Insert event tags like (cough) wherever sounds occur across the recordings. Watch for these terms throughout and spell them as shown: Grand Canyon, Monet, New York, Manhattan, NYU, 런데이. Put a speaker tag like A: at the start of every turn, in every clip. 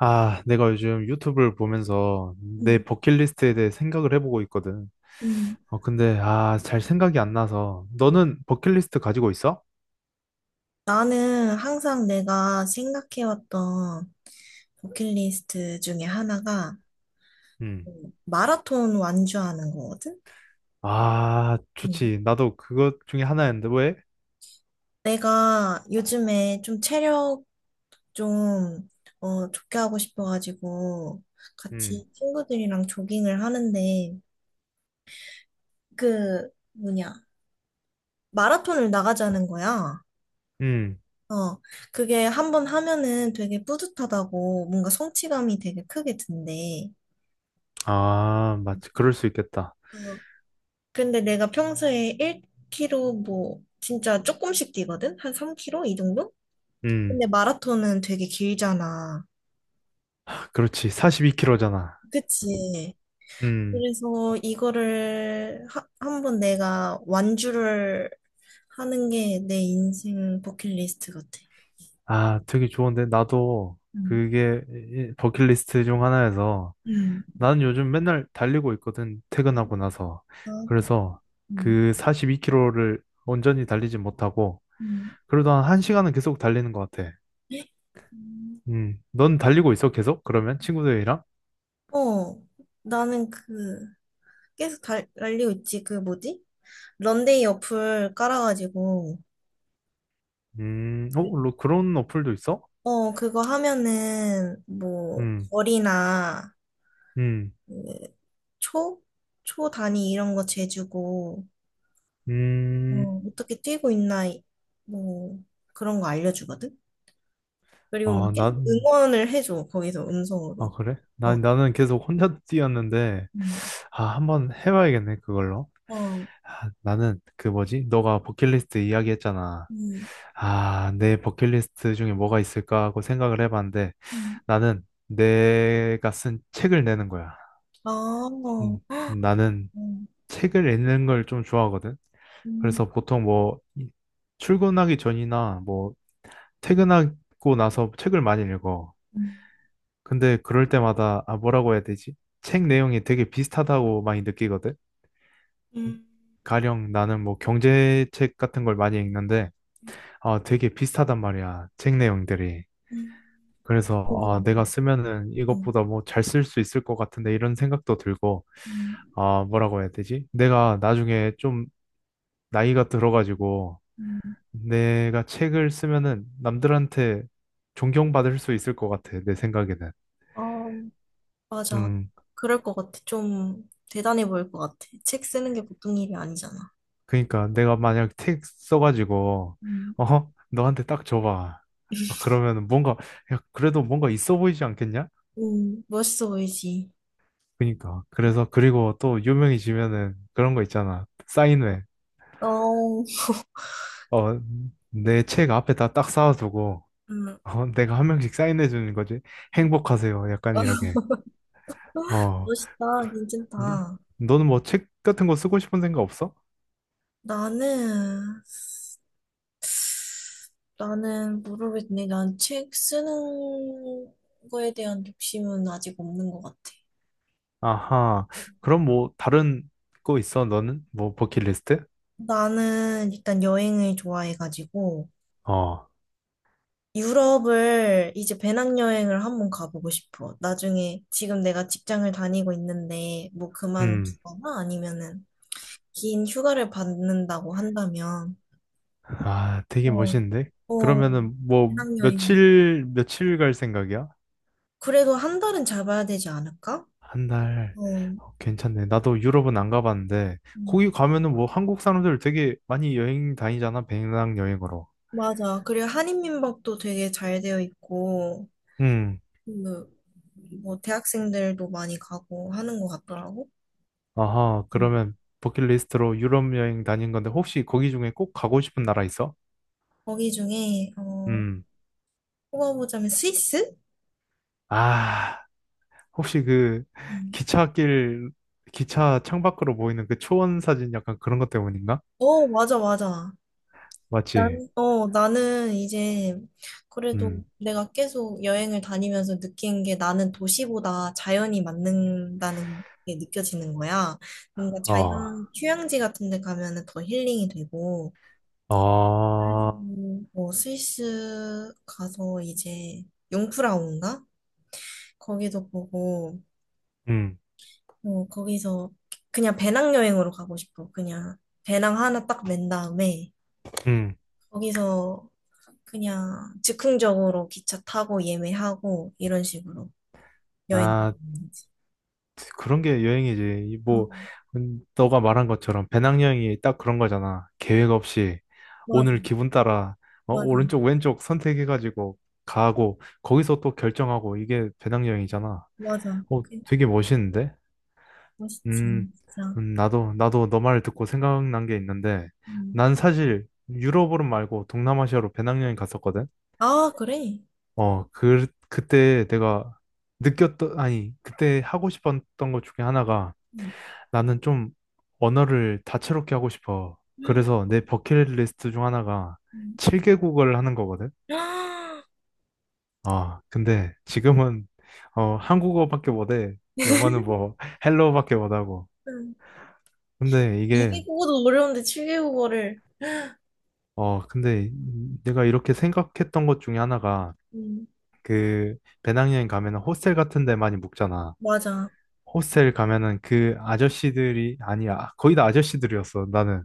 A: 아, 내가 요즘 유튜브를 보면서 내
B: 음.
A: 버킷리스트에 대해 생각을 해보고 있거든.
B: 음.
A: 잘 생각이 안 나서. 너는 버킷리스트 가지고 있어?
B: 나는 항상 내가 생각해왔던 버킷리스트 중에 하나가
A: 음.
B: 마라톤 완주하는 거거든?
A: 아,
B: 음.
A: 좋지. 나도 그것 중에 하나였는데, 왜?
B: 내가 요즘에 좀 체력 좀, 좋게 하고 싶어가지고
A: 음,
B: 같이 친구들이랑 조깅을 하는데 그, 뭐냐, 마라톤을 나가자는 거야.
A: 음.
B: 어, 그게 한번 하면은 되게 뿌듯하다고 뭔가 성취감이 되게 크게 든대.
A: 아, 맞지. 그럴 수 있겠다.
B: 어, 근데 내가 평소에 1km 뭐 진짜 조금씩 뛰거든? 한 3km 이 정도?
A: 음,
B: 근데 마라톤은 되게 길잖아.
A: 그렇지. 42kg잖아.
B: 그치.
A: 음.
B: 그래서 이거를 한번 내가 완주를 하는 게 내 인생 버킷리스트 같아.
A: 아, 되게 좋은데. 나도
B: 응.
A: 그게 버킷리스트 중 하나여서.
B: 응.
A: 나는 요즘 맨날 달리고 있거든, 퇴근하고 나서.
B: 아,
A: 그래서
B: 응.
A: 그 42km를 온전히 달리지 못하고,
B: 응.
A: 그래도 한 1시간은 계속 달리는 것 같아.
B: 음.
A: 넌 달리고 있어, 계속? 그러면 친구들이랑?
B: 어, 나는 그, 계속 달리고 있지. 그 뭐지? 런데이 어플 깔아가지고.
A: 그런 어플도 있어?
B: 그거 하면은, 뭐,
A: 음,
B: 벌이나,
A: 음,
B: 그 초? 초 단위 이런 거 재주고,
A: 음,
B: 어, 어떻게 뛰고 있나, 뭐, 그런 거 알려주거든? 그리고 막
A: 아,
B: 계속
A: 난,
B: 응원을 해줘, 거기서
A: 아,
B: 음성으로.
A: 그래? 나,
B: 어.
A: 나는 계속 혼자 뛰었는데,
B: 음.
A: 아, 한번 해봐야겠네, 그걸로.
B: 어.
A: 아, 나는, 그 뭐지? 너가 버킷리스트 이야기 했잖아.
B: 음.
A: 아, 내 버킷리스트 중에 뭐가 있을까 하고 생각을 해봤는데,
B: 음.
A: 나는 내가 쓴 책을 내는 거야.
B: 아. 어. 헉.
A: 나는
B: 음.
A: 책을 읽는 걸 좀 좋아하거든.
B: 음.
A: 그래서 보통 뭐, 출근하기 전이나 뭐, 퇴근하고 나서 책을 많이 읽어.
B: 음.
A: 근데 그럴 때마다 아 뭐라고 해야 되지? 책 내용이 되게 비슷하다고 많이 느끼거든.
B: 음.
A: 가령 나는 뭐 경제책 같은 걸 많이 읽는데 아 되게 비슷하단 말이야. 책 내용들이.
B: 음.
A: 그래서 아 내가
B: 음.
A: 쓰면은
B: 음.
A: 이것보다 뭐 잘 쓸 수 있을 것 같은데 이런 생각도 들고
B: 음.
A: 아 뭐라고 해야 되지? 내가 나중에 좀 나이가 들어가지고
B: 음.
A: 내가 책을 쓰면은 남들한테 존경받을 수 있을 것 같아. 내 생각에는.
B: 어. 맞아.
A: 음.
B: 그럴 것 같아. 좀 대단해 보일 것 같아. 책 쓰는 게 보통 일이 아니잖아.
A: 그러니까 내가 만약 택 써가지고
B: 음.
A: 어 너한테 딱 줘봐 아, 그러면 뭔가 야 그래도 뭔가 있어 보이지 않겠냐?
B: 음. 멋있어 보이지.
A: 그러니까 그래서 그리고 또 유명해지면은 그런 거 있잖아 사인회
B: 어.
A: 어내 책 앞에다 딱 쌓아두고
B: 음.
A: 어 내가 한 명씩 사인해 주는 거지 행복하세요 약간 이렇게
B: (laughs)
A: 어
B: 멋있다.
A: 그- 너,
B: 괜찮다.
A: 너는 뭐 책 같은 거 쓰고 싶은 생각 없어?
B: 나는, 나는 모르겠네. 난 책 쓰는 거에 대한 욕심은 아직 없는 것 같아.
A: 아하 그럼 뭐 다른 거 있어 너는 뭐 버킷리스트?
B: 나는 일단 여행을 좋아해가지고,
A: 어
B: 유럽을 이제 배낭여행을 한번 가보고 싶어. 나중에 지금 내가 직장을 다니고 있는데 뭐
A: 음.
B: 그만두거나 아니면은 긴 휴가를 받는다고 한다면
A: 아, 되게
B: 어.
A: 멋있는데?
B: 어.
A: 그러면은 뭐
B: 배낭여행.
A: 며칠 며칠 갈 생각이야?
B: 그래도 한 달은 잡아야 되지 않을까?
A: 한 달.
B: 어.
A: 어, 괜찮네. 나도 유럽은 안 가봤는데
B: 음.
A: 거기 가면은 뭐 한국 사람들 되게 많이 여행 다니잖아. 배낭여행으로.
B: 맞아. 그리고 한인민박도 되게 잘 되어 있고
A: 음.
B: 그 뭐 대학생들도 많이 가고 하는 것 같더라고.
A: 아하.
B: 음.
A: 그러면 버킷리스트로 유럽 여행 다닌 건데 혹시 거기 중에 꼭 가고 싶은 나라 있어?
B: 거기 중에
A: 음.
B: 뽑아보자면 스위스?
A: 아, 혹시 그
B: 음.
A: 기차길 기차 창밖으로 보이는 그 초원 사진 약간 그런 것 때문인가?
B: 어, 맞아, 맞아.
A: 맞지?
B: 나는 이제 그래도
A: 음.
B: 내가 계속 여행을 다니면서 느낀 게 나는 도시보다 자연이 맞는다는 게 느껴지는 거야. 뭔가 자연
A: 어.
B: 휴양지 같은 데 가면은 더 힐링이 되고. 그래서
A: 아,
B: 뭐 스위스 가서 이제 융프라우인가? 거기도 보고,
A: 음,
B: 거기서 그냥 배낭여행으로 가고 싶어. 그냥 배낭 하나 딱 맨 다음에
A: 음.
B: 거기서 그냥 즉흥적으로 기차 타고 예매하고 이런 식으로 여행.
A: 아,
B: 다니는 거지.
A: 그런 게 여행이지. 이
B: 어
A: 뭐, 너가 말한 것처럼 배낭여행이 딱 그런 거잖아. 계획 없이
B: 맞아,
A: 오늘 기분 따라 어,
B: 맞아,
A: 오른쪽, 왼쪽 선택해가지고 가고 거기서 또 결정하고 이게 배낭여행이잖아.
B: 맞아.
A: 어, 되게 멋있는데?
B: 멋있지,
A: 음,
B: 진짜.
A: 나도 너말 듣고 생각난 게 있는데
B: 음.
A: 난 사실 유럽으로 말고 동남아시아로 배낭여행 갔었거든.
B: 아, 그래.
A: 어, 그때 내가 느꼈던, 아니, 그때 하고 싶었던 것 중에 하나가
B: 음.
A: 나는 좀 언어를 다채롭게 하고 싶어. 그래서 내 버킷리스트 중 하나가
B: 음.
A: 7개국어를 하는 거거든.
B: 아.
A: 아, 근데 지금은 (laughs) 어, 한국어밖에 못해. 영어는 뭐 (laughs) 헬로우밖에 못하고.
B: 음.
A: 근데 이게,
B: 2개국어도 (laughs) 어려운데 7개국어를.
A: 어, 근데 내가 이렇게 생각했던 것 중에 하나가
B: 음.
A: 그 배낭여행 가면 은 호스텔 같은 데 많이 묵잖아.
B: 맞아.
A: 호스텔 가면은 그 아저씨들이 아니야 거의 다 아저씨들이었어 나는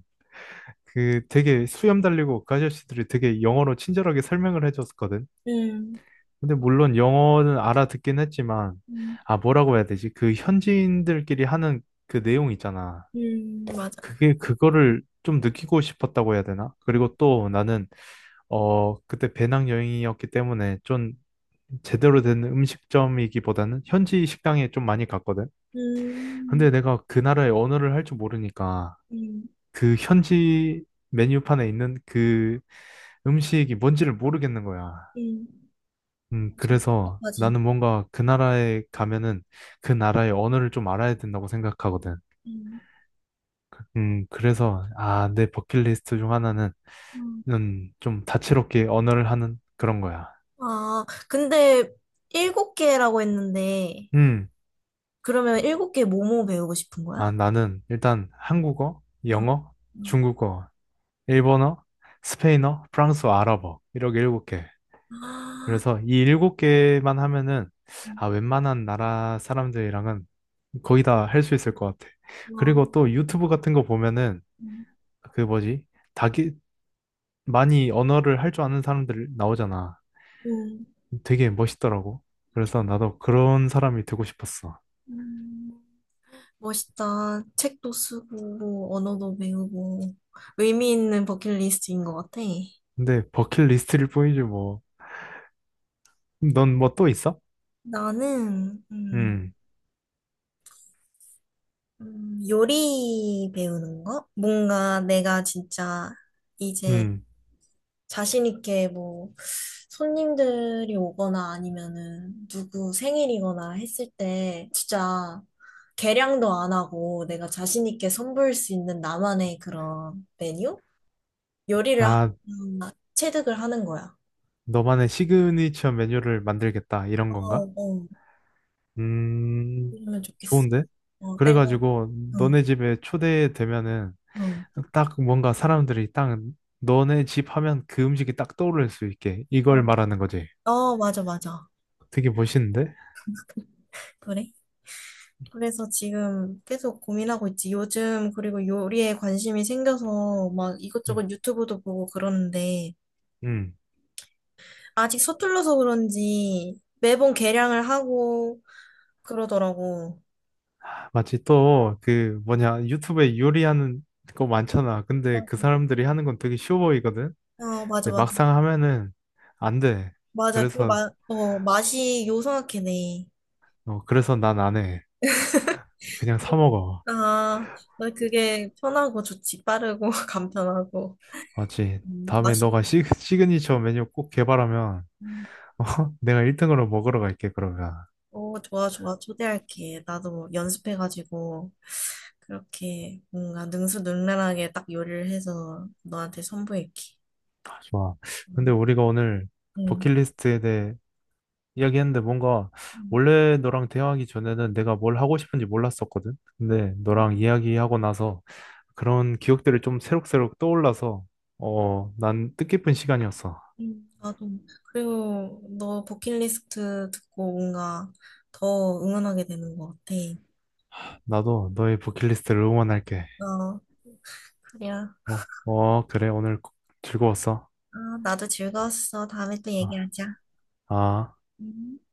A: 그 되게 수염 달리고 그 아저씨들이 되게 영어로 친절하게 설명을 해줬거든
B: 음.
A: 근데 물론 영어는 알아듣긴 했지만
B: 음.
A: 아 뭐라고 해야 되지 그 현지인들끼리 하는 그 내용 있잖아
B: 음. 맞아.
A: 그게 그거를 좀 느끼고 싶었다고 해야 되나 그리고 또 나는 어 그때 배낭여행이었기 때문에 좀 제대로 된 음식점이기보다는 현지 식당에 좀 많이 갔거든 근데
B: 음.
A: 내가 그 나라의 언어를 할 줄 모르니까
B: 음.
A: 그 현지 메뉴판에 있는 그 음식이 뭔지를 모르겠는 거야.
B: 음. 맞아.
A: 그래서
B: 답답하지.
A: 나는 뭔가 그 나라에 가면은 그 나라의 언어를 좀 알아야 된다고 생각하거든.
B: 음.
A: 그래서 아, 내 버킷리스트 중 하나는
B: 음.
A: 좀 다채롭게 언어를 하는 그런 거야.
B: 아, 근데 일곱 개라고 했는데,
A: 음,
B: 그러면 일곱 개 뭐뭐 배우고 싶은 거야?
A: 아, 나는 일단 한국어,
B: 응.
A: 영어,
B: 응.
A: 중국어, 일본어, 스페인어, 프랑스어, 아랍어 이렇게 일곱 개.
B: 아.
A: 그래서 이 일곱 개만 하면은 아 웬만한 나라 사람들이랑은 거의 다 할 수 있을 것 같아.
B: 어.
A: 그리고 또 유튜브 같은 거 보면은
B: 음.
A: 그 뭐지? 다기 많이 언어를 할 줄 아는 사람들 나오잖아.
B: 음.
A: 되게 멋있더라고. 그래서 나도 그런 사람이 되고 싶었어.
B: 음. 멋있다. 책도 쓰고, 뭐 언어도 배우고, 의미 있는 버킷리스트인 것 같아.
A: 근데 버킷리스트일 뿐이지 뭐. 넌 뭐 또 있어?
B: 나는,
A: 음,
B: 요리 배우는 거? 뭔가 내가 진짜 이제
A: 음.
B: 자신 있게 뭐 손님들이 오거나 아니면은 누구 생일이거나 했을 때 진짜 계량도 안 하고 내가 자신 있게 선보일 수 있는 나만의 그런 메뉴? 요리를 하,
A: 아,
B: 음, 체득을 하는 거야.
A: 너만의 시그니처 메뉴를 만들겠다 이런
B: 어.
A: 건가?
B: 어. 그
A: 음,
B: 러면 좋겠어.
A: 좋은데?
B: 어, 내가,
A: 그래가지고
B: 응,
A: 너네 집에 초대되면은
B: 응,
A: 딱 뭔가 사람들이 딱 너네 집 하면 그 음식이 딱 떠오를 수 있게 이걸
B: 어,
A: 말하는 거지.
B: 어, 맞아, 맞아.
A: 되게 멋있는데?
B: 그래? 그래서 지금 계속 고민하고 있지. 요즘 그리고 요리에 관심이 생겨서 막
A: 음,
B: 이것저것 유튜브도 보고 그러는데
A: 음.
B: 아직 서툴러서 그런지 매번 개량을 하고 그러더라고.
A: 마치 또 그 뭐냐 유튜브에 요리하는 거 많잖아. 근데 그 사람들이 하는 건 되게 쉬워 보이거든.
B: 아, 맞아,
A: 근데
B: 맞아.
A: 막상 하면은 안 돼.
B: 맞아.
A: 그래서
B: 맛이 요상하게네.
A: 어, 그래서 난 안 해. 그냥 사 먹어.
B: 아, 나 그게 편하고 좋지. 빠르고 (laughs) 간편하고.
A: 맞지? 다음에
B: 맛이.
A: 너가 시그니처 메뉴 꼭 개발하면
B: 음.
A: 어? (laughs) 내가 1등으로 먹으러 갈게, 그러면.
B: 어. 좋아, 좋아. 초대할게. 나도 연습해가지고 그렇게 뭔가 능수능란하게 딱 요리를 해서 너한테 선보일게.
A: 아, 좋아. 근데
B: 응.
A: 우리가 오늘
B: 응.
A: 버킷리스트에 대해 이야기했는데 뭔가
B: 음.
A: 원래 너랑 대화하기 전에는 내가 뭘 하고 싶은지 몰랐었거든. 근데 너랑
B: 음.
A: 이야기하고 나서 그런 기억들이 좀 새록새록 떠올라서 어, 난 뜻깊은 시간이었어.
B: 나도. 그리고 너 버킷리스트 듣고 뭔가 더 응원하게 되는 것 같아.
A: 나도 너의 버킷리스트를 응원할게.
B: 어, 그래. 아,
A: 어, 어, 그래. 오늘 즐거웠어.
B: 나도 즐거웠어. 다음에 또
A: 아.
B: 얘기하자.
A: 아.
B: 음.